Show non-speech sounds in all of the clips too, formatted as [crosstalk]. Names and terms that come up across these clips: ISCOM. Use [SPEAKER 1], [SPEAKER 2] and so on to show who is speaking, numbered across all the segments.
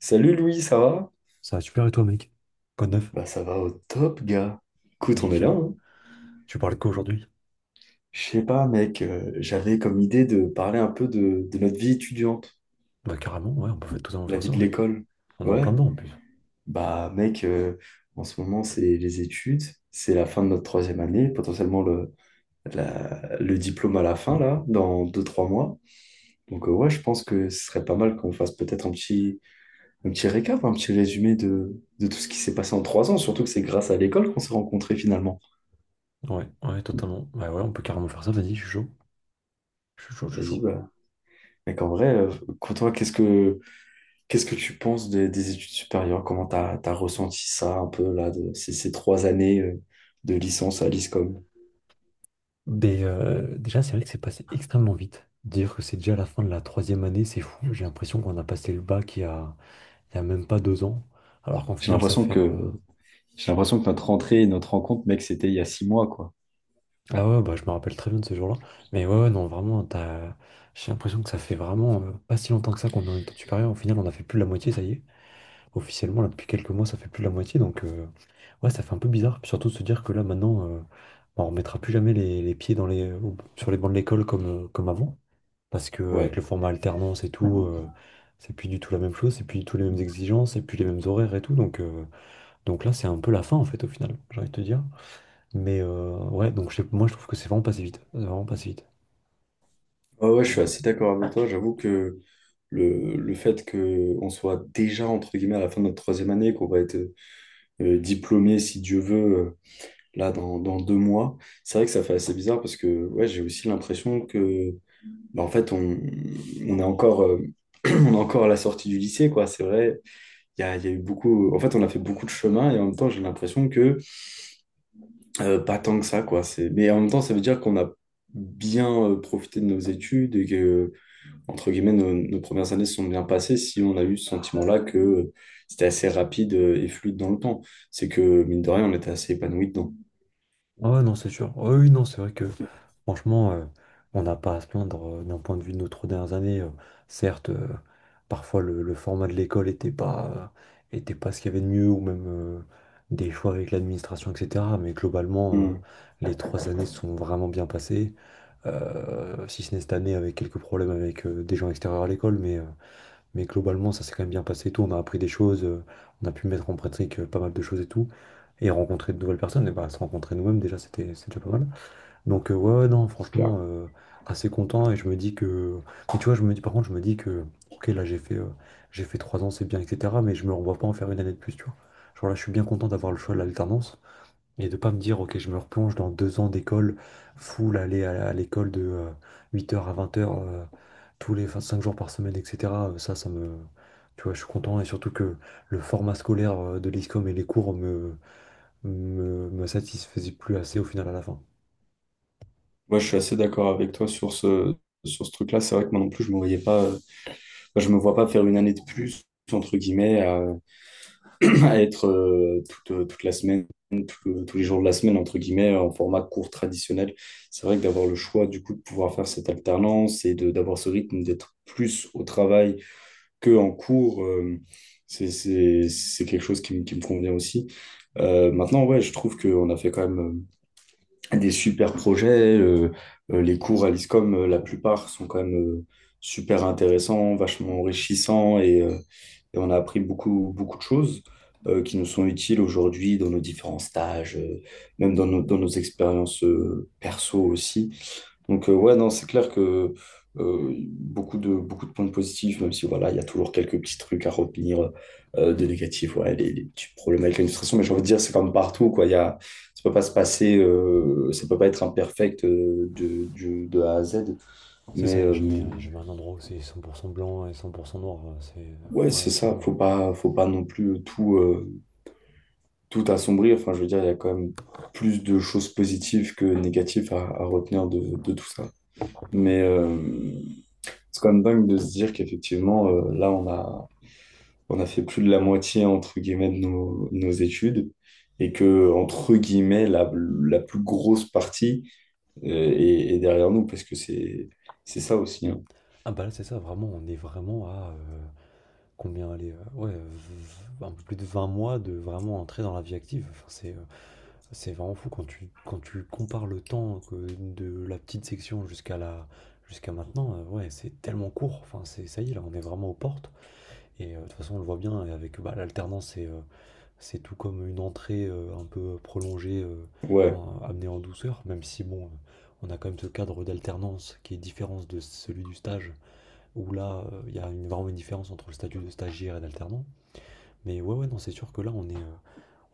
[SPEAKER 1] Salut Louis, ça va?
[SPEAKER 2] Ça va super, et toi, mec? Quoi de neuf?
[SPEAKER 1] Ça va au top, gars. Écoute, on est là,
[SPEAKER 2] Nickel.
[SPEAKER 1] hein.
[SPEAKER 2] Tu parles quoi aujourd'hui?
[SPEAKER 1] Je sais pas, mec, j'avais comme idée de parler un peu de notre vie étudiante,
[SPEAKER 2] Bah carrément, ouais, on peut totalement
[SPEAKER 1] la
[SPEAKER 2] faire
[SPEAKER 1] vie
[SPEAKER 2] ça,
[SPEAKER 1] de
[SPEAKER 2] ouais.
[SPEAKER 1] l'école.
[SPEAKER 2] On est en plein
[SPEAKER 1] Ouais.
[SPEAKER 2] dedans en plus.
[SPEAKER 1] Bah mec, en ce moment, c'est les études, c'est la fin de notre troisième année, potentiellement le diplôme à la fin, là, dans deux, 3 mois. Donc ouais, je pense que ce serait pas mal qu'on fasse un petit récap, un petit résumé de tout ce qui s'est passé en 3 ans, surtout que c'est grâce à l'école qu'on s'est rencontrés finalement.
[SPEAKER 2] Ouais, ouais, totalement. Ouais, ouais, on peut carrément faire ça, vas-y, je suis chaud. Je suis chaud, je suis
[SPEAKER 1] Vas-y,
[SPEAKER 2] chaud.
[SPEAKER 1] Mais qu'en vrai, euh, quand toi, qu'est-ce que tu penses des études supérieures? Comment t'as ressenti ça un peu là de ces 3 années, de licence à l'ISCOM?
[SPEAKER 2] Mais déjà, c'est vrai que c'est passé extrêmement vite. Dire que c'est déjà la fin de la troisième année, c'est fou. J'ai l'impression qu'on a passé le bac il y a même pas deux ans. Alors qu'en
[SPEAKER 1] J'ai
[SPEAKER 2] final, ça
[SPEAKER 1] l'impression
[SPEAKER 2] fait...
[SPEAKER 1] que j'ai l'impression que notre rentrée et notre rencontre, mec, c'était il y a 6 mois, quoi.
[SPEAKER 2] Ah ouais, bah je me rappelle très bien de ce jour-là. Mais ouais, ouais, non, vraiment, t'as... j'ai l'impression que ça fait vraiment pas si longtemps que ça qu'on est en études supérieures. Au final, on a fait plus de la moitié, ça y est, officiellement là depuis quelques mois. Ça fait plus de la moitié, donc ouais, ça fait un peu bizarre. Puis surtout de se dire que là maintenant, bah, on remettra plus jamais les pieds dans sur les bancs de l'école comme, comme avant, parce que avec
[SPEAKER 1] Ouais.
[SPEAKER 2] le format alternance et tout, c'est plus du tout la même chose, c'est plus du tout les mêmes exigences, c'est plus les mêmes horaires et tout. Donc, donc là c'est un peu la fin en fait au final, j'ai envie de te dire. Mais ouais, donc moi je trouve que c'est vraiment passé vite. C'est vraiment passé vite.
[SPEAKER 1] Ouais, je suis assez d'accord avec toi. J'avoue que le fait qu'on soit déjà, entre guillemets, à la fin de notre troisième année, qu'on va être diplômé, si Dieu veut, là, dans 2 mois, c'est vrai que ça fait assez bizarre parce que ouais, j'ai aussi l'impression que bah, en fait, on est encore, [clears throat] on est encore à la sortie du lycée, quoi. C'est vrai, il y a eu beaucoup. En fait, on a fait beaucoup de chemin et en même temps, j'ai l'impression que pas tant que ça, quoi. Mais en même temps, ça veut dire qu'on a bien, profité de nos études et que, entre guillemets, nos premières années se sont bien passées si on a eu ce sentiment-là que c'était assez rapide, et fluide dans le temps. C'est que, mine de rien, on était assez épanoui dedans.
[SPEAKER 2] Ah ouais, non, c'est sûr. Ouais, oui, non, c'est vrai que franchement, on n'a pas à se plaindre d'un point de vue de nos trois dernières années. Certes, parfois le format de l'école n'était pas, était pas ce qu'il y avait de mieux, ou même des choix avec l'administration, etc. Mais globalement,
[SPEAKER 1] Hmm,
[SPEAKER 2] les trois années se sont vraiment bien passées. Si ce n'est cette année avec quelques problèmes avec des gens extérieurs à l'école. Mais globalement, ça s'est quand même bien passé et tout. On a appris des choses, on a pu mettre en pratique pas mal de choses et tout. Et rencontrer de nouvelles personnes, et bah, se rencontrer nous-mêmes, déjà, c'est déjà pas mal. Donc, ouais, ouais, non,
[SPEAKER 1] c'est clair.
[SPEAKER 2] franchement, assez content. Et je me dis que... Mais tu vois, je me dis, par contre, je me dis que, ok, là, j'ai fait 3 ans, c'est bien, etc. Mais je me revois pas en faire une année de plus, tu vois. Genre là, je suis bien content d'avoir le choix de l'alternance. Et de pas me dire, ok, je me replonge dans 2 ans d'école, full, aller à l'école de 8 heures à 20 heures tous les 5 jours par semaine, etc. Ça, ça me... Tu vois, je suis content. Et surtout que le format scolaire de l'ISCOM et les cours me satisfaisaient plus assez au final à la fin.
[SPEAKER 1] Moi, je suis assez d'accord avec toi sur sur ce truc-là. C'est vrai que moi non plus, je me vois pas faire une année de plus entre guillemets [clears throat] à être toute la semaine tous les jours de la semaine entre guillemets en format court traditionnel. C'est vrai que d'avoir le choix du coup de pouvoir faire cette alternance et de d'avoir ce rythme d'être plus au travail que en cours, c'est quelque chose qui me convient aussi. Maintenant ouais je trouve qu'on a fait quand même, des super projets, les cours à l'ISCOM, la plupart sont quand même, super intéressants, vachement enrichissants et on a appris beaucoup, beaucoup de choses, qui nous sont utiles aujourd'hui dans nos différents stages, même dans dans nos expériences, perso aussi. Donc, ouais, non, c'est clair que, beaucoup beaucoup de points positifs, même si voilà, il y a toujours quelques petits trucs à retenir, de négatifs, ouais, les petits problèmes avec l'administration, mais j'ai envie de dire, c'est comme partout, quoi. Ça peut pas se passer, ça peut pas être imperfect, de A à Z,
[SPEAKER 2] C'est ça,
[SPEAKER 1] mais
[SPEAKER 2] il n'y a jamais,
[SPEAKER 1] euh,
[SPEAKER 2] y jamais un endroit où c'est 100% blanc et 100% noir. C'est.
[SPEAKER 1] ouais,
[SPEAKER 2] Ouais, ouais,
[SPEAKER 1] c'est ça,
[SPEAKER 2] clairement.
[SPEAKER 1] faut pas non plus tout assombri. Enfin, je veux dire, il y a quand même plus de choses positives que négatives à retenir de tout ça. Mais c'est quand même dingue de se dire qu'effectivement, là, on a fait plus de la moitié, entre guillemets, de nos études. Et que, entre guillemets, la plus grosse partie, est derrière nous, parce que c'est ça aussi, hein.
[SPEAKER 2] Ah bah là, c'est ça, vraiment, on est vraiment à... Combien aller... Ouais, un peu plus de 20 mois de vraiment entrer dans la vie active. Enfin, c'est... C'est vraiment fou quand quand tu compares le temps que de la petite section jusqu'à jusqu'à maintenant. Ouais, c'est tellement court. Enfin, c'est, ça y est, là, on est vraiment aux portes. Et de toute façon, on le voit bien. Avec bah, l'alternance, c'est tout comme une entrée un peu prolongée,
[SPEAKER 1] Ouais,
[SPEAKER 2] amenée en douceur. Même si, bon, on a quand même ce cadre d'alternance qui est différent de celui du stage, où là, il y a vraiment une différence entre le statut de stagiaire et d'alternant. Mais ouais, ouais, non, c'est sûr que là,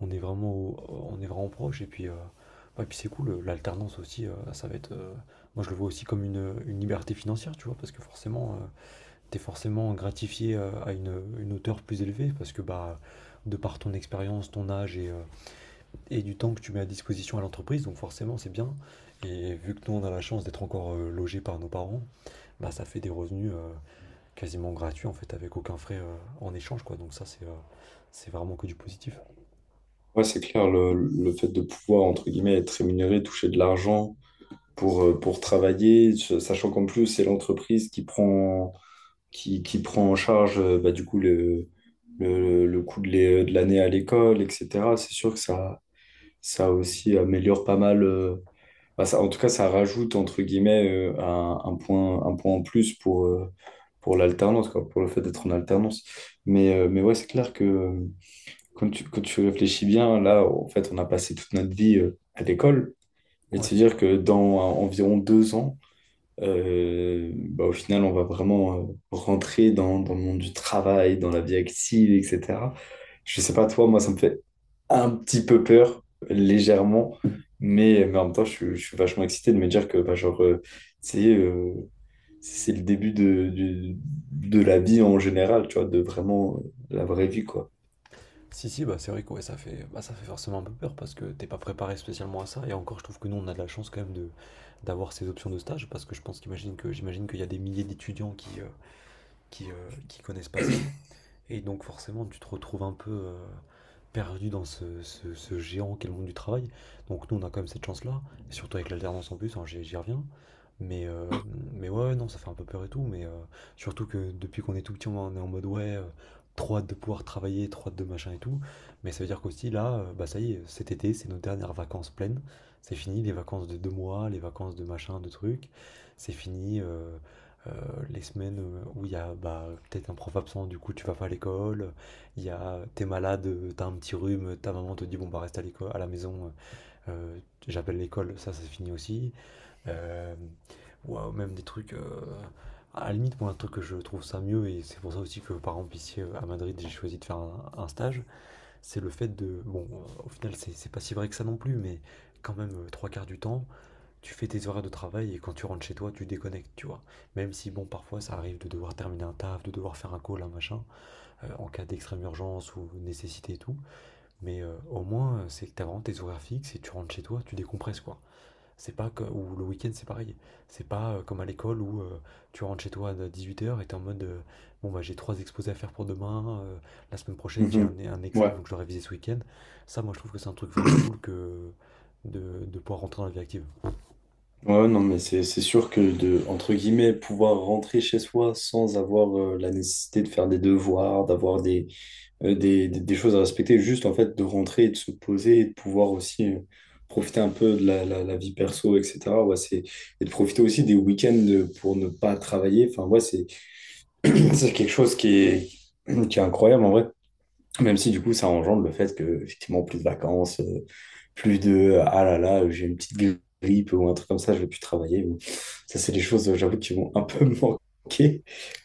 [SPEAKER 2] on est vraiment, on est vraiment proche. Et puis, ouais, puis c'est cool, l'alternance aussi, ça va être, moi je le vois aussi comme une liberté financière, tu vois, parce que forcément, t'es forcément gratifié à une hauteur plus élevée, parce que bah, de par ton expérience, ton âge et du temps que tu mets à disposition à l'entreprise, donc forcément c'est bien. Et vu que nous on a la chance d'être encore logés par nos parents, bah ça fait des revenus quasiment gratuits en fait, avec aucun frais en échange quoi. Donc ça c'est vraiment que du positif.
[SPEAKER 1] ouais, c'est clair, le fait de pouvoir, entre guillemets, être rémunéré, toucher de l'argent pour travailler, sachant qu'en plus, c'est l'entreprise qui prend en charge, le coût de l'année à l'école, etc. C'est sûr que ça aussi améliore pas mal. Bah, ça, en tout cas, ça rajoute, entre guillemets, un point en plus pour l'alternance, quoi, pour le fait d'être en alternance. Mais ouais, c'est clair que, quand tu réfléchis bien, là, en fait, on a passé toute notre vie, à l'école. Et de
[SPEAKER 2] Ouais.
[SPEAKER 1] se dire que dans, environ 2 ans, au final, on va vraiment, rentrer dans le monde du travail, dans la vie active, etc. Je sais pas toi, moi, ça me fait un petit peu peur, légèrement, mais en même temps, je suis vachement excité de me dire que, bah, genre, c'est euh, c'est le début de la vie en général, tu vois, de vraiment, la vraie vie, quoi.
[SPEAKER 2] Si, si, bah c'est vrai que ouais, ça fait, bah, ça fait forcément un peu peur parce que t'es pas préparé spécialement à ça. Et encore, je trouve que nous, on a de la chance quand même de d'avoir ces options de stage, parce que je pense qu'imagine que j'imagine qu'il y a des milliers d'étudiants qui, qui, euh, qui connaissent pas ça. Et donc forcément, tu te retrouves un peu perdu dans ce géant qu'est le monde du travail. Donc nous, on a quand même cette chance-là, et surtout avec l'alternance en plus, hein, j'y reviens. Mais, euh, mais ouais, ouais, non, ça fait un peu peur et tout, mais surtout que depuis qu'on est tout petit, on est en mode ouais, trop hâte de pouvoir travailler, trop hâte de machin et tout. Mais ça veut dire qu'aussi là, bah ça y est, cet été, c'est nos dernières vacances pleines. C'est fini, les vacances de 2 mois, les vacances de machin, de trucs. C'est fini. Euh, les semaines où il y a bah, peut-être un prof absent, du coup tu vas pas à l'école, il y a t'es malade, t'as un petit rhume, ta maman te dit bon bah reste à la maison, euh, j'appelle l'école, ça c'est fini aussi. Euh, ou même des trucs, à la limite moi un truc que je trouve ça mieux, et c'est pour ça aussi que par exemple ici à Madrid j'ai choisi de faire un stage, c'est le fait de, bon au final c'est pas si vrai que ça non plus, mais quand même trois quarts du temps tu fais tes horaires de travail, et quand tu rentres chez toi, tu déconnectes, tu vois. Même si, bon, parfois ça arrive de devoir terminer un taf, de devoir faire un call, un machin, en cas d'extrême urgence ou nécessité et tout. Mais au moins, c'est que t'as vraiment tes horaires fixes et tu rentres chez toi, tu décompresses, quoi. C'est pas que. Ou le week-end, c'est pareil. C'est pas comme à l'école où tu rentres chez toi à 18h et t'es en mode bon, bah j'ai trois exposés à faire pour demain, la semaine prochaine j'ai
[SPEAKER 1] Mhm.
[SPEAKER 2] un examen
[SPEAKER 1] Ouais.
[SPEAKER 2] donc je dois réviser ce week-end. Ça, moi, je trouve que c'est un truc vraiment cool que de pouvoir rentrer dans la vie active.
[SPEAKER 1] Ouais, non, mais c'est sûr que de, entre guillemets, pouvoir rentrer chez soi sans avoir, la nécessité de faire des devoirs, d'avoir des choses à respecter, juste en fait de rentrer et de se poser et de pouvoir aussi, profiter un peu de la vie perso, etc. Ouais, et de profiter aussi des week-ends, pour ne pas travailler. Enfin, ouais, c'est quelque chose qui est incroyable en vrai. Même si du coup, ça engendre le fait que, effectivement, plus de vacances, plus de ah là là, j'ai une petite grippe ou un truc comme ça, je vais plus travailler. Bon, ça, c'est des choses, j'avoue, qui vont un peu [laughs] me manquer.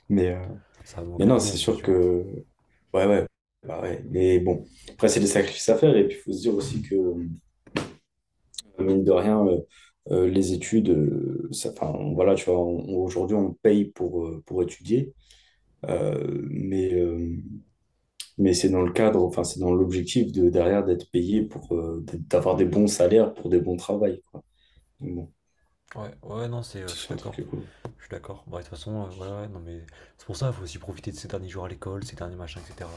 [SPEAKER 1] Mais, euh,
[SPEAKER 2] Ça manque
[SPEAKER 1] mais
[SPEAKER 2] à
[SPEAKER 1] non,
[SPEAKER 2] tout le
[SPEAKER 1] c'est
[SPEAKER 2] monde, c'est
[SPEAKER 1] sûr
[SPEAKER 2] sûr.
[SPEAKER 1] que. Ouais, ouais. Bah ouais. Mais bon, après, c'est des sacrifices à faire. Et puis, il faut se dire aussi que, mine de rien, les études, ça, enfin, voilà, tu vois, aujourd'hui, on paye pour étudier. Euh, mais, euh, mais c'est dans le cadre, enfin, c'est dans l'objectif de derrière d'être payé pour, d'avoir des bons salaires pour des bons travails, quoi. Donc bon,
[SPEAKER 2] Ouais, ouais, non, c'est, je suis
[SPEAKER 1] c'est un truc
[SPEAKER 2] d'accord.
[SPEAKER 1] qui est cool.
[SPEAKER 2] Je suis d'accord. Bah, de toute façon, ouais, ouais, non, mais c'est pour ça, il faut aussi profiter de ces derniers jours à l'école, ces derniers machins, etc.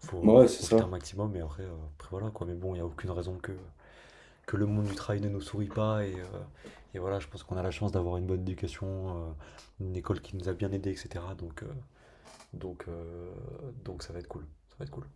[SPEAKER 2] Faut,
[SPEAKER 1] Ouais,
[SPEAKER 2] faut
[SPEAKER 1] c'est
[SPEAKER 2] profiter un
[SPEAKER 1] ça.
[SPEAKER 2] maximum, et après, après voilà, quoi. Mais bon, il n'y a aucune raison que le monde du travail ne nous sourit pas, et voilà, je pense qu'on a la chance d'avoir une bonne éducation, une école qui nous a bien aidés, etc. Donc, donc, euh, donc ça va être cool. Ça va être cool.